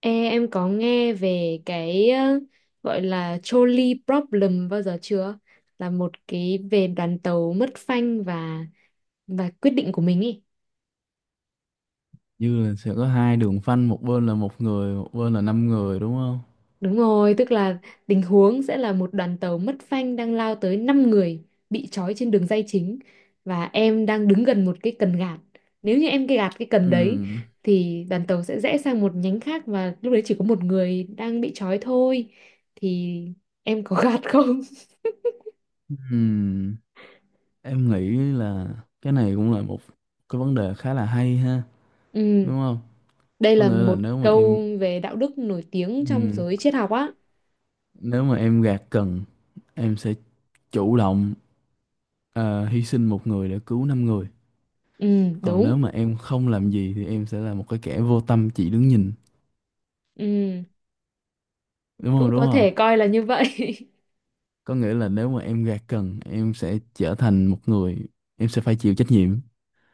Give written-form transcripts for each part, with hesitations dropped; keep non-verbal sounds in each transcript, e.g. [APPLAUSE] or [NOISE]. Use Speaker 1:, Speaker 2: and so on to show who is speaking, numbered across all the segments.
Speaker 1: Ê, em có nghe về cái gọi là trolley problem bao giờ chưa? Là một cái về đoàn tàu mất phanh và quyết định của mình ý.
Speaker 2: Như là sẽ có hai đường phanh, một bên là một người, một bên là năm người, đúng không?
Speaker 1: Đúng rồi, tức là tình huống sẽ là một đoàn tàu mất phanh đang lao tới 5 người bị trói trên đường ray chính và em đang đứng gần một cái cần gạt. Nếu như em cái gạt cái cần đấy
Speaker 2: Ừm,
Speaker 1: thì đoàn tàu sẽ rẽ sang một nhánh khác và lúc đấy chỉ có một người đang bị trói thôi. Thì em có gạt không? [LAUGHS]
Speaker 2: ừm, em nghĩ là cái này cũng là một cái vấn đề khá là hay ha,
Speaker 1: Ừ.
Speaker 2: đúng không?
Speaker 1: Đây
Speaker 2: Có
Speaker 1: là
Speaker 2: nghĩa là
Speaker 1: một câu về đạo đức nổi tiếng trong
Speaker 2: ừm,
Speaker 1: giới triết học á.
Speaker 2: nếu mà em gạt cần, em sẽ chủ động hy sinh một người để cứu năm người.
Speaker 1: Ừ,
Speaker 2: Còn
Speaker 1: đúng.
Speaker 2: nếu mà em không làm gì thì em sẽ là một cái kẻ vô tâm chỉ đứng nhìn,
Speaker 1: Ừ,
Speaker 2: đúng
Speaker 1: cũng
Speaker 2: không, đúng
Speaker 1: có
Speaker 2: không?
Speaker 1: thể coi là như vậy.
Speaker 2: Có nghĩa là nếu mà em gạt cần, em sẽ trở thành một người, em sẽ phải chịu trách nhiệm,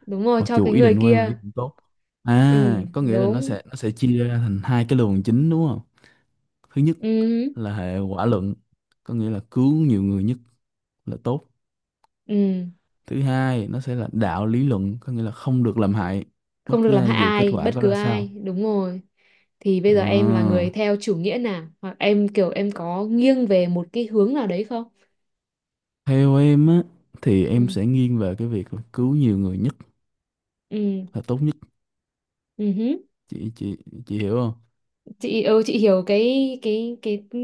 Speaker 1: [LAUGHS] Đúng rồi,
Speaker 2: mặc
Speaker 1: cho
Speaker 2: dù
Speaker 1: cái
Speaker 2: ý
Speaker 1: người
Speaker 2: định của em là ý
Speaker 1: kia.
Speaker 2: định tốt.
Speaker 1: Ừ,
Speaker 2: À, có nghĩa là nó
Speaker 1: đúng.
Speaker 2: sẽ nó sẽ chia ra thành hai cái luồng chính, đúng không? Thứ nhất
Speaker 1: Ừ,
Speaker 2: là hệ quả luận, có nghĩa là cứu nhiều người nhất là tốt.
Speaker 1: ừ.
Speaker 2: Thứ hai, nó sẽ là đạo lý luận, có nghĩa là không được làm hại bất
Speaker 1: Không được
Speaker 2: cứ
Speaker 1: làm
Speaker 2: ai
Speaker 1: hại
Speaker 2: dù kết
Speaker 1: ai,
Speaker 2: quả
Speaker 1: bất
Speaker 2: có
Speaker 1: cứ
Speaker 2: ra
Speaker 1: ai.
Speaker 2: sao.
Speaker 1: Đúng rồi. Thì bây giờ em là
Speaker 2: à,
Speaker 1: người theo chủ nghĩa nào? Hoặc em kiểu em có nghiêng về một cái hướng nào đấy không?
Speaker 2: Theo em á, thì em
Speaker 1: Ừ,
Speaker 2: sẽ nghiêng về cái việc là cứu nhiều người nhất
Speaker 1: ừ,
Speaker 2: là tốt nhất.
Speaker 1: ừ.
Speaker 2: Chị chị chị hiểu không?
Speaker 1: Chị hiểu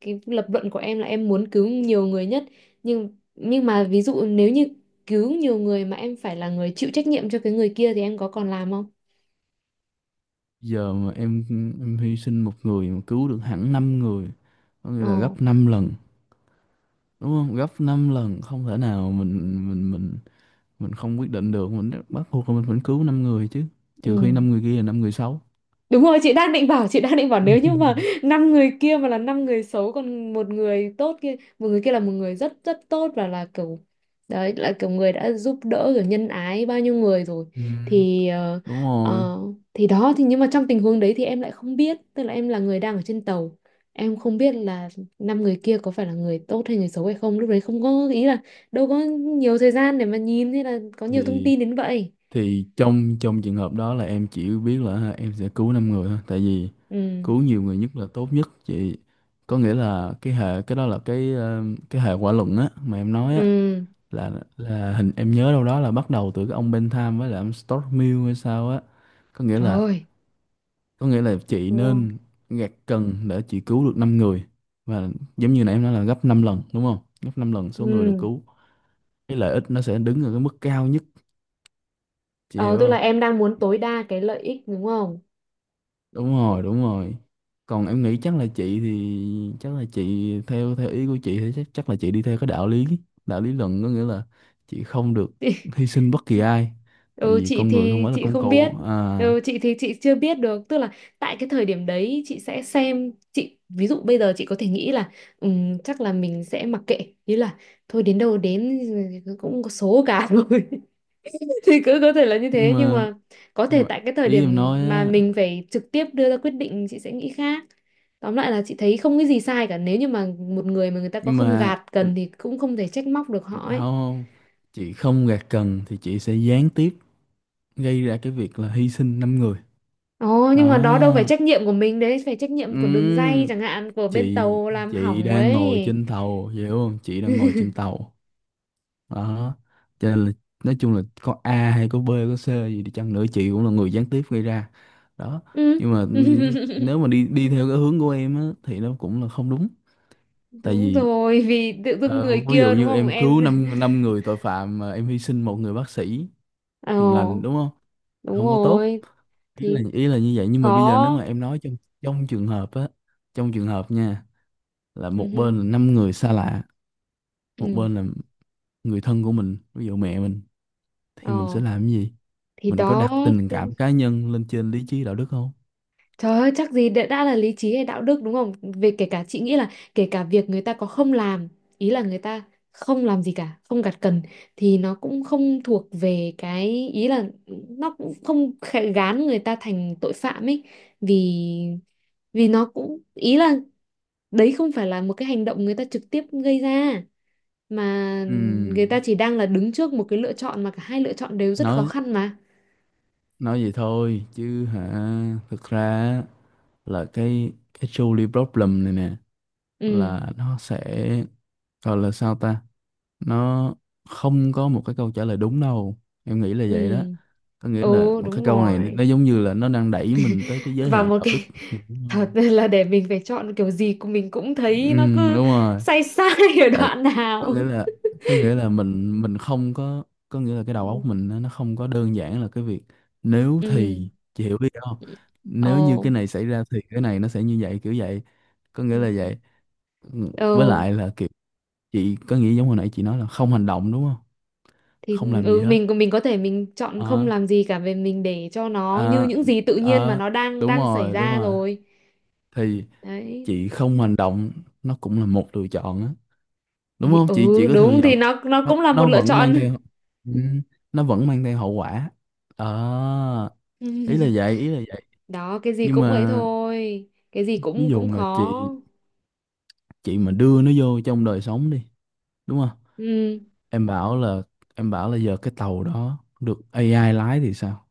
Speaker 1: cái lập luận của em là em muốn cứu nhiều người nhất, nhưng mà ví dụ nếu như cứu nhiều người mà em phải là người chịu trách nhiệm cho cái người kia thì em có còn làm không?
Speaker 2: Giờ mà em hy sinh một người mà cứu được hẳn năm người, có nghĩa là
Speaker 1: Ồ.
Speaker 2: gấp 5 lần, đúng không? Gấp 5 lần, không thể nào mình không quyết định được, mình bắt buộc là mình phải cứu năm người chứ,
Speaker 1: Ừ.
Speaker 2: trừ khi năm người kia là năm người xấu.
Speaker 1: Đúng rồi, chị đang định bảo nếu như mà
Speaker 2: [LAUGHS]
Speaker 1: năm người kia mà là năm người xấu còn một người tốt kia, một người kia là một người rất rất tốt và là kiểu đấy là kiểu người đã giúp đỡ rồi nhân ái bao nhiêu người rồi.
Speaker 2: Ừ.
Speaker 1: thì ờ,
Speaker 2: Đúng rồi.
Speaker 1: ờ, thì đó thì nhưng mà trong tình huống đấy thì em lại không biết, tức là em là người đang ở trên tàu. Em không biết là năm người kia có phải là người tốt hay người xấu hay không, lúc đấy không có ý là đâu có nhiều thời gian để mà nhìn hay là có nhiều thông
Speaker 2: thì
Speaker 1: tin đến vậy.
Speaker 2: thì trong trong trường hợp đó là em chỉ biết là ha, em sẽ cứu năm người thôi, tại vì
Speaker 1: Ừ.
Speaker 2: cứu nhiều người nhất là tốt nhất, chị. Có nghĩa là cái hệ, cái đó là cái cái hệ quả luận á mà em nói á.
Speaker 1: Ừ.
Speaker 2: Là là hình em nhớ đâu đó là bắt đầu từ cái ông Bentham với lại ông Stuart Mill hay sao á, có nghĩa là
Speaker 1: Rồi.
Speaker 2: có nghĩa là chị nên gạt cần để chị cứu được 5 người, và giống như nãy em nói là gấp 5 lần, đúng không? Gấp 5 lần số người được
Speaker 1: Ừ.
Speaker 2: cứu, cái lợi ích nó sẽ đứng ở cái mức cao nhất. Chị
Speaker 1: Ờ,
Speaker 2: hiểu
Speaker 1: tức là
Speaker 2: không?
Speaker 1: em đang muốn tối đa cái lợi ích đúng không?
Speaker 2: Đúng rồi, đúng rồi. Còn em nghĩ chắc là chị thì chắc là chị theo theo ý của chị thì chắc chắc là chị đi theo cái đạo lý luận, có nghĩa là chị không được
Speaker 1: [LAUGHS]
Speaker 2: hy sinh bất kỳ ai, tại
Speaker 1: Ừ,
Speaker 2: vì
Speaker 1: chị
Speaker 2: con người không
Speaker 1: thì
Speaker 2: phải là
Speaker 1: chị
Speaker 2: công
Speaker 1: không
Speaker 2: cụ.
Speaker 1: biết.
Speaker 2: À,
Speaker 1: Ừ, chị thì chị chưa biết được. Tức là tại cái thời điểm đấy chị sẽ xem chị, ví dụ bây giờ chị có thể nghĩ là chắc là mình sẽ mặc kệ, ý là thôi đến đâu đến, cũng có số cả [LAUGHS] rồi. Thì cứ có thể là như
Speaker 2: nhưng
Speaker 1: thế nhưng
Speaker 2: mà
Speaker 1: mà có
Speaker 2: nhưng
Speaker 1: thể
Speaker 2: mà
Speaker 1: tại cái thời
Speaker 2: ý em
Speaker 1: điểm
Speaker 2: nói
Speaker 1: mà
Speaker 2: á,
Speaker 1: mình phải trực tiếp đưa ra quyết định chị sẽ nghĩ khác. Tóm lại là chị thấy không cái gì sai cả, nếu như mà một người mà người ta có
Speaker 2: nhưng
Speaker 1: không
Speaker 2: mà
Speaker 1: gạt cần thì cũng không thể trách móc được họ ấy.
Speaker 2: không, chị không gạt cần thì chị sẽ gián tiếp gây ra cái việc là hy sinh năm người.
Speaker 1: Ồ, nhưng mà đó đâu phải
Speaker 2: Đó.
Speaker 1: trách nhiệm của mình đấy, phải trách nhiệm của đường ray
Speaker 2: Ừm,
Speaker 1: chẳng hạn, của bên
Speaker 2: chị
Speaker 1: tàu làm
Speaker 2: chị
Speaker 1: hỏng
Speaker 2: đang ngồi
Speaker 1: ấy.
Speaker 2: trên tàu, hiểu không? Chị đang ngồi trên
Speaker 1: [LAUGHS]
Speaker 2: tàu. Đó, cho nên là nói chung là có A hay có B có C gì đi chăng nữa, chị cũng là người gián tiếp gây ra. Đó.
Speaker 1: Ừ.
Speaker 2: Nhưng mà
Speaker 1: [LAUGHS]
Speaker 2: nếu mà đi đi theo cái hướng của em á, thì nó cũng là không đúng. Tại
Speaker 1: Đúng
Speaker 2: vì
Speaker 1: rồi, vì tự dưng người
Speaker 2: ví dụ
Speaker 1: kia đúng
Speaker 2: như
Speaker 1: không
Speaker 2: em
Speaker 1: em?
Speaker 2: cứu năm năm người tội phạm mà em hy sinh một người bác sĩ
Speaker 1: [LAUGHS] Ồ,
Speaker 2: hiền lành, đúng không?
Speaker 1: đúng
Speaker 2: Không có tốt.
Speaker 1: rồi,
Speaker 2: ý là
Speaker 1: thì
Speaker 2: ý là như vậy, nhưng mà bây giờ nếu
Speaker 1: có.
Speaker 2: mà em nói trong trong trường hợp á trong trường hợp nha, là
Speaker 1: Ừ.
Speaker 2: một
Speaker 1: Hứ,
Speaker 2: bên là năm người xa lạ, một
Speaker 1: ừ.
Speaker 2: bên là người thân của mình, ví dụ mẹ mình,
Speaker 1: Ờ.
Speaker 2: thì mình sẽ làm cái gì?
Speaker 1: Thì
Speaker 2: Mình có
Speaker 1: đó.
Speaker 2: đặt tình
Speaker 1: tự-
Speaker 2: cảm cá nhân lên trên lý trí đạo đức không?
Speaker 1: Trời ơi, chắc gì đã là lý trí hay đạo đức đúng không, về kể cả chị nghĩ là kể cả việc người ta có không làm, ý là người ta không làm gì cả không gặt cần, thì nó cũng không thuộc về cái ý là, nó cũng không gán người ta thành tội phạm ấy. Vì vì nó cũng ý là đấy không phải là một cái hành động người ta trực tiếp gây ra, mà người ta
Speaker 2: Ừm,
Speaker 1: chỉ đang là đứng trước một cái lựa chọn mà cả hai lựa chọn đều rất khó
Speaker 2: nói
Speaker 1: khăn mà.
Speaker 2: nói vậy thôi chứ hả, thực ra á, là cái trolley problem này nè,
Speaker 1: Ừ.
Speaker 2: là nó sẽ, gọi là sao ta, nó không có một cái câu trả lời đúng đâu, em nghĩ là vậy đó.
Speaker 1: Ừ.
Speaker 2: Có nghĩa là
Speaker 1: Ồ
Speaker 2: một cái
Speaker 1: đúng
Speaker 2: câu này
Speaker 1: rồi.
Speaker 2: nó giống như là nó đang đẩy mình tới cái giới
Speaker 1: Và
Speaker 2: hạn
Speaker 1: một
Speaker 2: đạo đức.
Speaker 1: cái
Speaker 2: Thì
Speaker 1: [LAUGHS] thật
Speaker 2: đúng,
Speaker 1: là để mình phải chọn kiểu gì của mình cũng
Speaker 2: ừ,
Speaker 1: thấy nó cứ
Speaker 2: đúng rồi.
Speaker 1: sai sai [LAUGHS] ở
Speaker 2: Tại
Speaker 1: đoạn
Speaker 2: có
Speaker 1: nào.
Speaker 2: nghĩa là có nghĩa là mình không có, có nghĩa là cái đầu óc
Speaker 1: Ừ.
Speaker 2: mình nó không có đơn giản là cái việc. Nếu
Speaker 1: Ừ.
Speaker 2: thì, chị hiểu ý không?
Speaker 1: Ồ.
Speaker 2: Nếu như cái này xảy ra thì cái này nó sẽ như vậy, kiểu vậy, có nghĩa là vậy. Ừ, với
Speaker 1: Ừ
Speaker 2: lại là kiểu chị có nghĩa giống hồi nãy chị nói là không hành động, đúng không?
Speaker 1: thì
Speaker 2: Không làm gì
Speaker 1: ừ,
Speaker 2: hết.
Speaker 1: mình có thể mình chọn không
Speaker 2: Ờ,
Speaker 1: làm gì cả, về mình để cho nó như
Speaker 2: à,
Speaker 1: những gì tự nhiên mà
Speaker 2: à,
Speaker 1: nó đang
Speaker 2: đúng
Speaker 1: đang xảy
Speaker 2: rồi, đúng
Speaker 1: ra
Speaker 2: rồi.
Speaker 1: rồi.
Speaker 2: Thì
Speaker 1: Đấy.
Speaker 2: chị không hành động, nó cũng là một lựa chọn á, đúng
Speaker 1: Thì
Speaker 2: không? Chị
Speaker 1: ừ
Speaker 2: có thừa
Speaker 1: đúng,
Speaker 2: nhận
Speaker 1: thì
Speaker 2: không?
Speaker 1: nó
Speaker 2: nó,
Speaker 1: cũng là một
Speaker 2: nó
Speaker 1: lựa
Speaker 2: vẫn
Speaker 1: chọn.
Speaker 2: mang theo ừ, nó vẫn mang theo hậu quả. Ờ, ý là vậy, ý là vậy.
Speaker 1: [LAUGHS] Đó, cái gì
Speaker 2: Nhưng
Speaker 1: cũng ấy
Speaker 2: mà
Speaker 1: thôi, cái gì
Speaker 2: ví
Speaker 1: cũng
Speaker 2: dụ
Speaker 1: cũng
Speaker 2: mà
Speaker 1: khó.
Speaker 2: chị mà đưa nó vô trong đời sống đi, đúng không?
Speaker 1: Ừ.
Speaker 2: Em bảo là em bảo là giờ cái tàu đó được AI lái thì sao?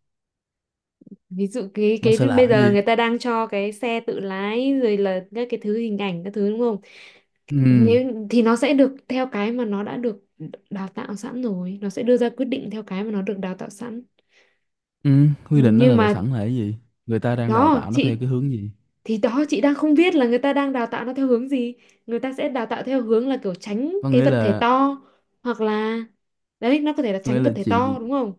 Speaker 1: Ví dụ cái
Speaker 2: Nó
Speaker 1: cái
Speaker 2: sẽ làm
Speaker 1: bây
Speaker 2: cái
Speaker 1: giờ
Speaker 2: gì?
Speaker 1: người ta đang cho cái xe tự lái rồi là các cái thứ hình ảnh các thứ đúng không.
Speaker 2: Ừ,
Speaker 1: Nếu thì nó sẽ được theo cái mà nó đã được đào tạo sẵn, rồi nó sẽ đưa ra quyết định theo cái mà nó được đào tạo sẵn.
Speaker 2: ừ, quy định nó
Speaker 1: Nhưng
Speaker 2: là tàu
Speaker 1: mà
Speaker 2: sẵn là cái gì? Người ta đang đào
Speaker 1: đó
Speaker 2: tạo nó theo
Speaker 1: chị,
Speaker 2: cái hướng gì?
Speaker 1: thì đó chị đang không biết là người ta đang đào tạo nó theo hướng gì. Người ta sẽ đào tạo theo hướng là kiểu tránh
Speaker 2: có
Speaker 1: cái
Speaker 2: nghĩa
Speaker 1: vật thể
Speaker 2: là
Speaker 1: to, hoặc là đấy, nó có thể là
Speaker 2: có nghĩa
Speaker 1: tránh
Speaker 2: là
Speaker 1: vật thể to
Speaker 2: chị
Speaker 1: đúng không.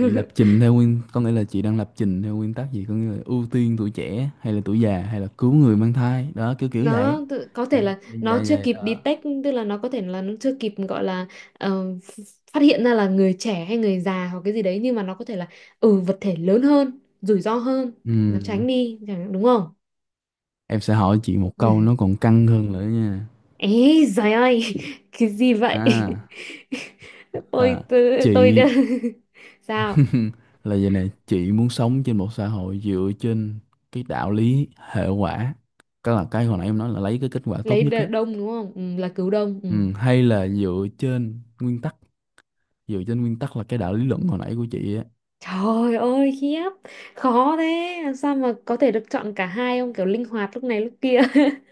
Speaker 2: chị lập trình theo nguyên, có nghĩa là chị đang lập trình theo nguyên tắc gì, có nghĩa là ưu tiên tuổi trẻ hay là tuổi già hay là cứu người mang thai, đó, kiểu kiểu vậy.
Speaker 1: Nó có thể
Speaker 2: Những
Speaker 1: là
Speaker 2: như
Speaker 1: nó
Speaker 2: vậy,
Speaker 1: chưa
Speaker 2: vậy
Speaker 1: kịp
Speaker 2: đó.
Speaker 1: detect, tức là nó có thể là nó chưa kịp gọi là ờ, ph- phát hiện ra là người trẻ hay người già hoặc cái gì đấy, nhưng mà nó có thể là ừ vật thể lớn hơn rủi ro hơn nó tránh
Speaker 2: Ừm,
Speaker 1: đi chẳng đúng không.
Speaker 2: em sẽ hỏi chị một câu nó
Speaker 1: [LAUGHS]
Speaker 2: còn căng hơn nữa nha.
Speaker 1: Ấy giời ơi. [LAUGHS] Cái gì vậy.
Speaker 2: À,
Speaker 1: [LAUGHS]
Speaker 2: là
Speaker 1: Tôi đã.
Speaker 2: chị
Speaker 1: [LAUGHS] Sao
Speaker 2: [LAUGHS] là vậy này, chị muốn sống trên một xã hội dựa trên cái đạo lý hệ quả, cái là cái hồi nãy em nói là lấy cái kết quả tốt
Speaker 1: lấy
Speaker 2: nhất á.
Speaker 1: đông đúng không, ừ, là cứu đông. Ừ.
Speaker 2: Hay là dựa trên nguyên tắc là cái đạo lý luận hồi nãy của chị á.
Speaker 1: Trời ơi khiếp, khó thế làm sao mà có thể được chọn cả hai không, kiểu linh hoạt lúc này lúc kia. [LAUGHS]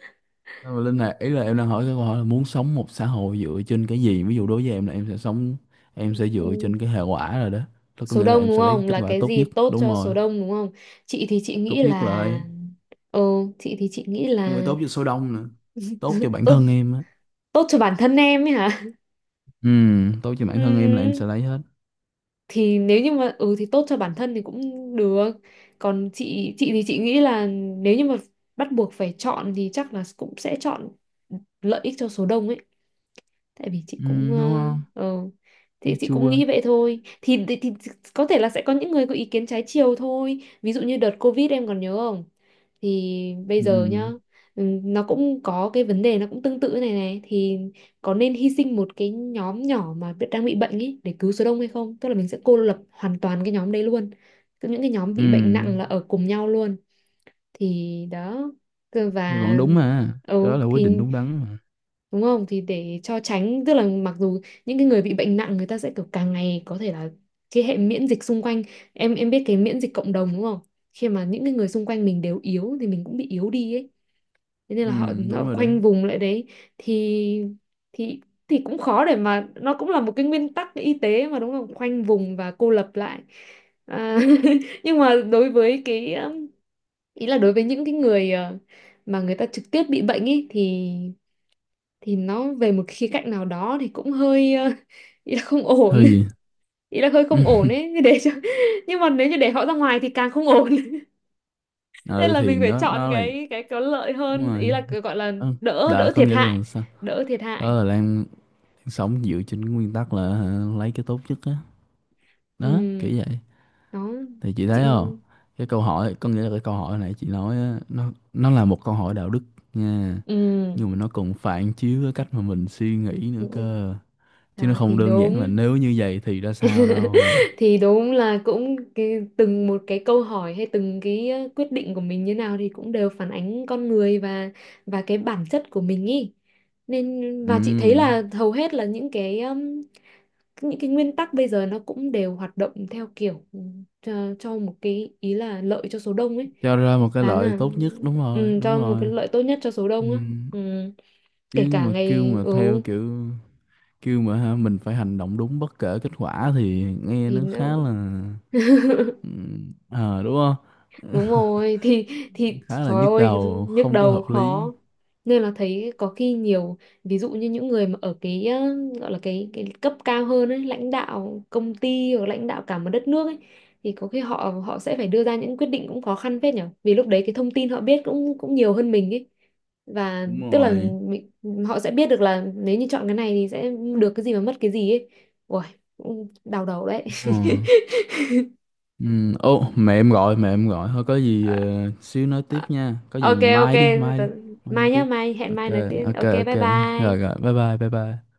Speaker 2: Nhưng mà Linh này, ý là em đang hỏi cái câu hỏi là muốn sống một xã hội dựa trên cái gì. Ví dụ đối với em là em sẽ sống em sẽ dựa
Speaker 1: Ừ.
Speaker 2: trên cái hệ quả rồi đó. Đó, có
Speaker 1: Số
Speaker 2: nghĩa là
Speaker 1: đông
Speaker 2: em
Speaker 1: đúng
Speaker 2: sẽ lấy cái
Speaker 1: không,
Speaker 2: kết
Speaker 1: là
Speaker 2: quả
Speaker 1: cái
Speaker 2: tốt
Speaker 1: gì
Speaker 2: nhất,
Speaker 1: tốt
Speaker 2: đúng
Speaker 1: cho
Speaker 2: rồi.
Speaker 1: số đông đúng không. Chị thì chị
Speaker 2: Tốt
Speaker 1: nghĩ
Speaker 2: nhất là
Speaker 1: là
Speaker 2: lấy,
Speaker 1: ừ, chị thì chị nghĩ
Speaker 2: không phải
Speaker 1: là
Speaker 2: tốt cho số đông nữa, tốt cho
Speaker 1: [LAUGHS]
Speaker 2: bản
Speaker 1: tốt
Speaker 2: thân em á.
Speaker 1: tốt cho bản thân em ấy hả.
Speaker 2: Ừ, tốt cho bản thân em là em
Speaker 1: Ừ,
Speaker 2: sẽ lấy hết.
Speaker 1: thì nếu như mà ừ thì tốt cho bản thân thì cũng được. Còn chị thì chị nghĩ là nếu như mà bắt buộc phải chọn thì chắc là cũng sẽ chọn lợi ích cho số đông ấy, tại vì chị
Speaker 2: Ừ,
Speaker 1: cũng
Speaker 2: đúng không?
Speaker 1: ừ, thì,
Speaker 2: Thấy
Speaker 1: chị cũng
Speaker 2: chua.
Speaker 1: nghĩ vậy thôi, thì. Có thể là sẽ có những người có ý kiến trái chiều thôi, ví dụ như đợt Covid em còn nhớ không, thì bây giờ nhá,
Speaker 2: Ừ,
Speaker 1: ừ, nó cũng có cái vấn đề nó cũng tương tự này này. Thì có nên hy sinh một cái nhóm nhỏ mà đang bị bệnh ấy để cứu số đông hay không, tức là mình sẽ cô lập hoàn toàn cái nhóm đấy luôn. Cứ những cái nhóm bị bệnh nặng là
Speaker 2: ừ
Speaker 1: ở cùng nhau luôn. Thì đó.
Speaker 2: thì
Speaker 1: Và
Speaker 2: vẫn đúng mà. Cái đó
Speaker 1: ừ
Speaker 2: là quyết định
Speaker 1: thì
Speaker 2: đúng đắn mà.
Speaker 1: đúng không, thì để cho tránh, tức là mặc dù những cái người bị bệnh nặng người ta sẽ kiểu càng ngày có thể là cái hệ miễn dịch xung quanh. Em biết cái miễn dịch cộng đồng đúng không. Khi mà những cái người xung quanh mình đều yếu thì mình cũng bị yếu đi ấy, thế nên
Speaker 2: Ừ,
Speaker 1: là họ,
Speaker 2: đúng
Speaker 1: họ
Speaker 2: rồi đó.
Speaker 1: khoanh vùng lại đấy. Thì thì thì cũng khó, để mà nó cũng là một cái nguyên tắc y tế mà đúng không, khoanh vùng và cô lập lại. À, [LAUGHS] nhưng mà đối với cái ý là đối với những cái người mà người ta trực tiếp bị bệnh ấy thì nó về một khía cạnh nào đó thì cũng hơi [LAUGHS] ý là không ổn,
Speaker 2: Hơi gì?
Speaker 1: ý là hơi không ổn ấy
Speaker 2: [LAUGHS]
Speaker 1: để cho. [LAUGHS] Nhưng mà nếu như để họ ra ngoài thì càng không ổn. [LAUGHS] Nên
Speaker 2: Ừ,
Speaker 1: là
Speaker 2: thì
Speaker 1: mình phải
Speaker 2: nó
Speaker 1: chọn
Speaker 2: nó là.
Speaker 1: cái có lợi
Speaker 2: Đúng
Speaker 1: hơn, ý
Speaker 2: rồi.
Speaker 1: là cái gọi là
Speaker 2: Ừ,
Speaker 1: đỡ
Speaker 2: là
Speaker 1: đỡ
Speaker 2: có
Speaker 1: thiệt
Speaker 2: nghĩa
Speaker 1: hại,
Speaker 2: là sao?
Speaker 1: đỡ thiệt
Speaker 2: Đó
Speaker 1: hại.
Speaker 2: là đang sống dựa trên cái nguyên tắc là hả, lấy cái tốt nhất á. Đó, kiểu
Speaker 1: Ừ,
Speaker 2: vậy.
Speaker 1: nó.
Speaker 2: Thì chị
Speaker 1: Chị
Speaker 2: thấy không? Cái câu hỏi có nghĩa là cái câu hỏi này chị nói á, nó là một câu hỏi đạo đức nha.
Speaker 1: ừ,
Speaker 2: Nhưng mà nó còn phản chiếu cái cách mà mình suy nghĩ nữa cơ. Chứ nó
Speaker 1: đó
Speaker 2: không
Speaker 1: thì
Speaker 2: đơn giản là
Speaker 1: đúng.
Speaker 2: nếu như vậy thì ra sao
Speaker 1: [LAUGHS]
Speaker 2: đâu.
Speaker 1: Thì đúng là cũng cái, từng một cái câu hỏi hay từng cái quyết định của mình như nào thì cũng đều phản ánh con người và cái bản chất của mình ý. Nên
Speaker 2: Ừ,
Speaker 1: và chị thấy là hầu hết là những cái nguyên tắc bây giờ nó cũng đều hoạt động theo kiểu ừ, cho một cái ý là lợi cho số đông ấy.
Speaker 2: cho ra một cái
Speaker 1: Đáng
Speaker 2: lợi
Speaker 1: là
Speaker 2: tốt nhất, đúng rồi,
Speaker 1: ừ,
Speaker 2: đúng
Speaker 1: cho một cái
Speaker 2: rồi.
Speaker 1: lợi tốt nhất cho số
Speaker 2: Ừ.
Speaker 1: đông á. Ừ. Kể
Speaker 2: Chứ
Speaker 1: cả
Speaker 2: mà
Speaker 1: ngày ừ
Speaker 2: kêu mà ha, mình phải hành động đúng bất kể kết quả thì nghe
Speaker 1: thì
Speaker 2: nó
Speaker 1: nó.
Speaker 2: khá là.
Speaker 1: [LAUGHS]
Speaker 2: Ừ, ờ, đúng không?
Speaker 1: Đúng rồi thì
Speaker 2: Khá là
Speaker 1: trời
Speaker 2: nhức
Speaker 1: ơi
Speaker 2: đầu,
Speaker 1: nhức
Speaker 2: không có
Speaker 1: đầu
Speaker 2: hợp lý.
Speaker 1: khó. Nên là thấy có khi nhiều ví dụ như những người mà ở cái gọi là cái cấp cao hơn ấy, lãnh đạo công ty hoặc lãnh đạo cả một đất nước ấy, thì có khi họ họ sẽ phải đưa ra những quyết định cũng khó khăn phết nhở, vì lúc đấy cái thông tin họ biết cũng cũng nhiều hơn mình ấy. Và
Speaker 2: Đúng
Speaker 1: tức là
Speaker 2: rồi.
Speaker 1: mình, họ sẽ biết được là nếu như chọn cái này thì sẽ được cái gì mà mất cái gì ấy. Ôi, cũng đau đầu đấy.
Speaker 2: Ừ.
Speaker 1: [LAUGHS]
Speaker 2: Ừ. Ô, mẹ em gọi, mẹ em gọi, thôi có gì
Speaker 1: Ờ,
Speaker 2: xíu nói
Speaker 1: ờ.
Speaker 2: tiếp nha, có
Speaker 1: Ờ.
Speaker 2: gì
Speaker 1: Ok ok.
Speaker 2: mai đi, mai đi. Mai nói
Speaker 1: Mai nhá,
Speaker 2: tiếp.
Speaker 1: mai hẹn
Speaker 2: Ok,
Speaker 1: mai nói tiếp,
Speaker 2: ok,
Speaker 1: ok
Speaker 2: ok.
Speaker 1: bye
Speaker 2: Rồi
Speaker 1: bye.
Speaker 2: rồi, bye bye, bye bye.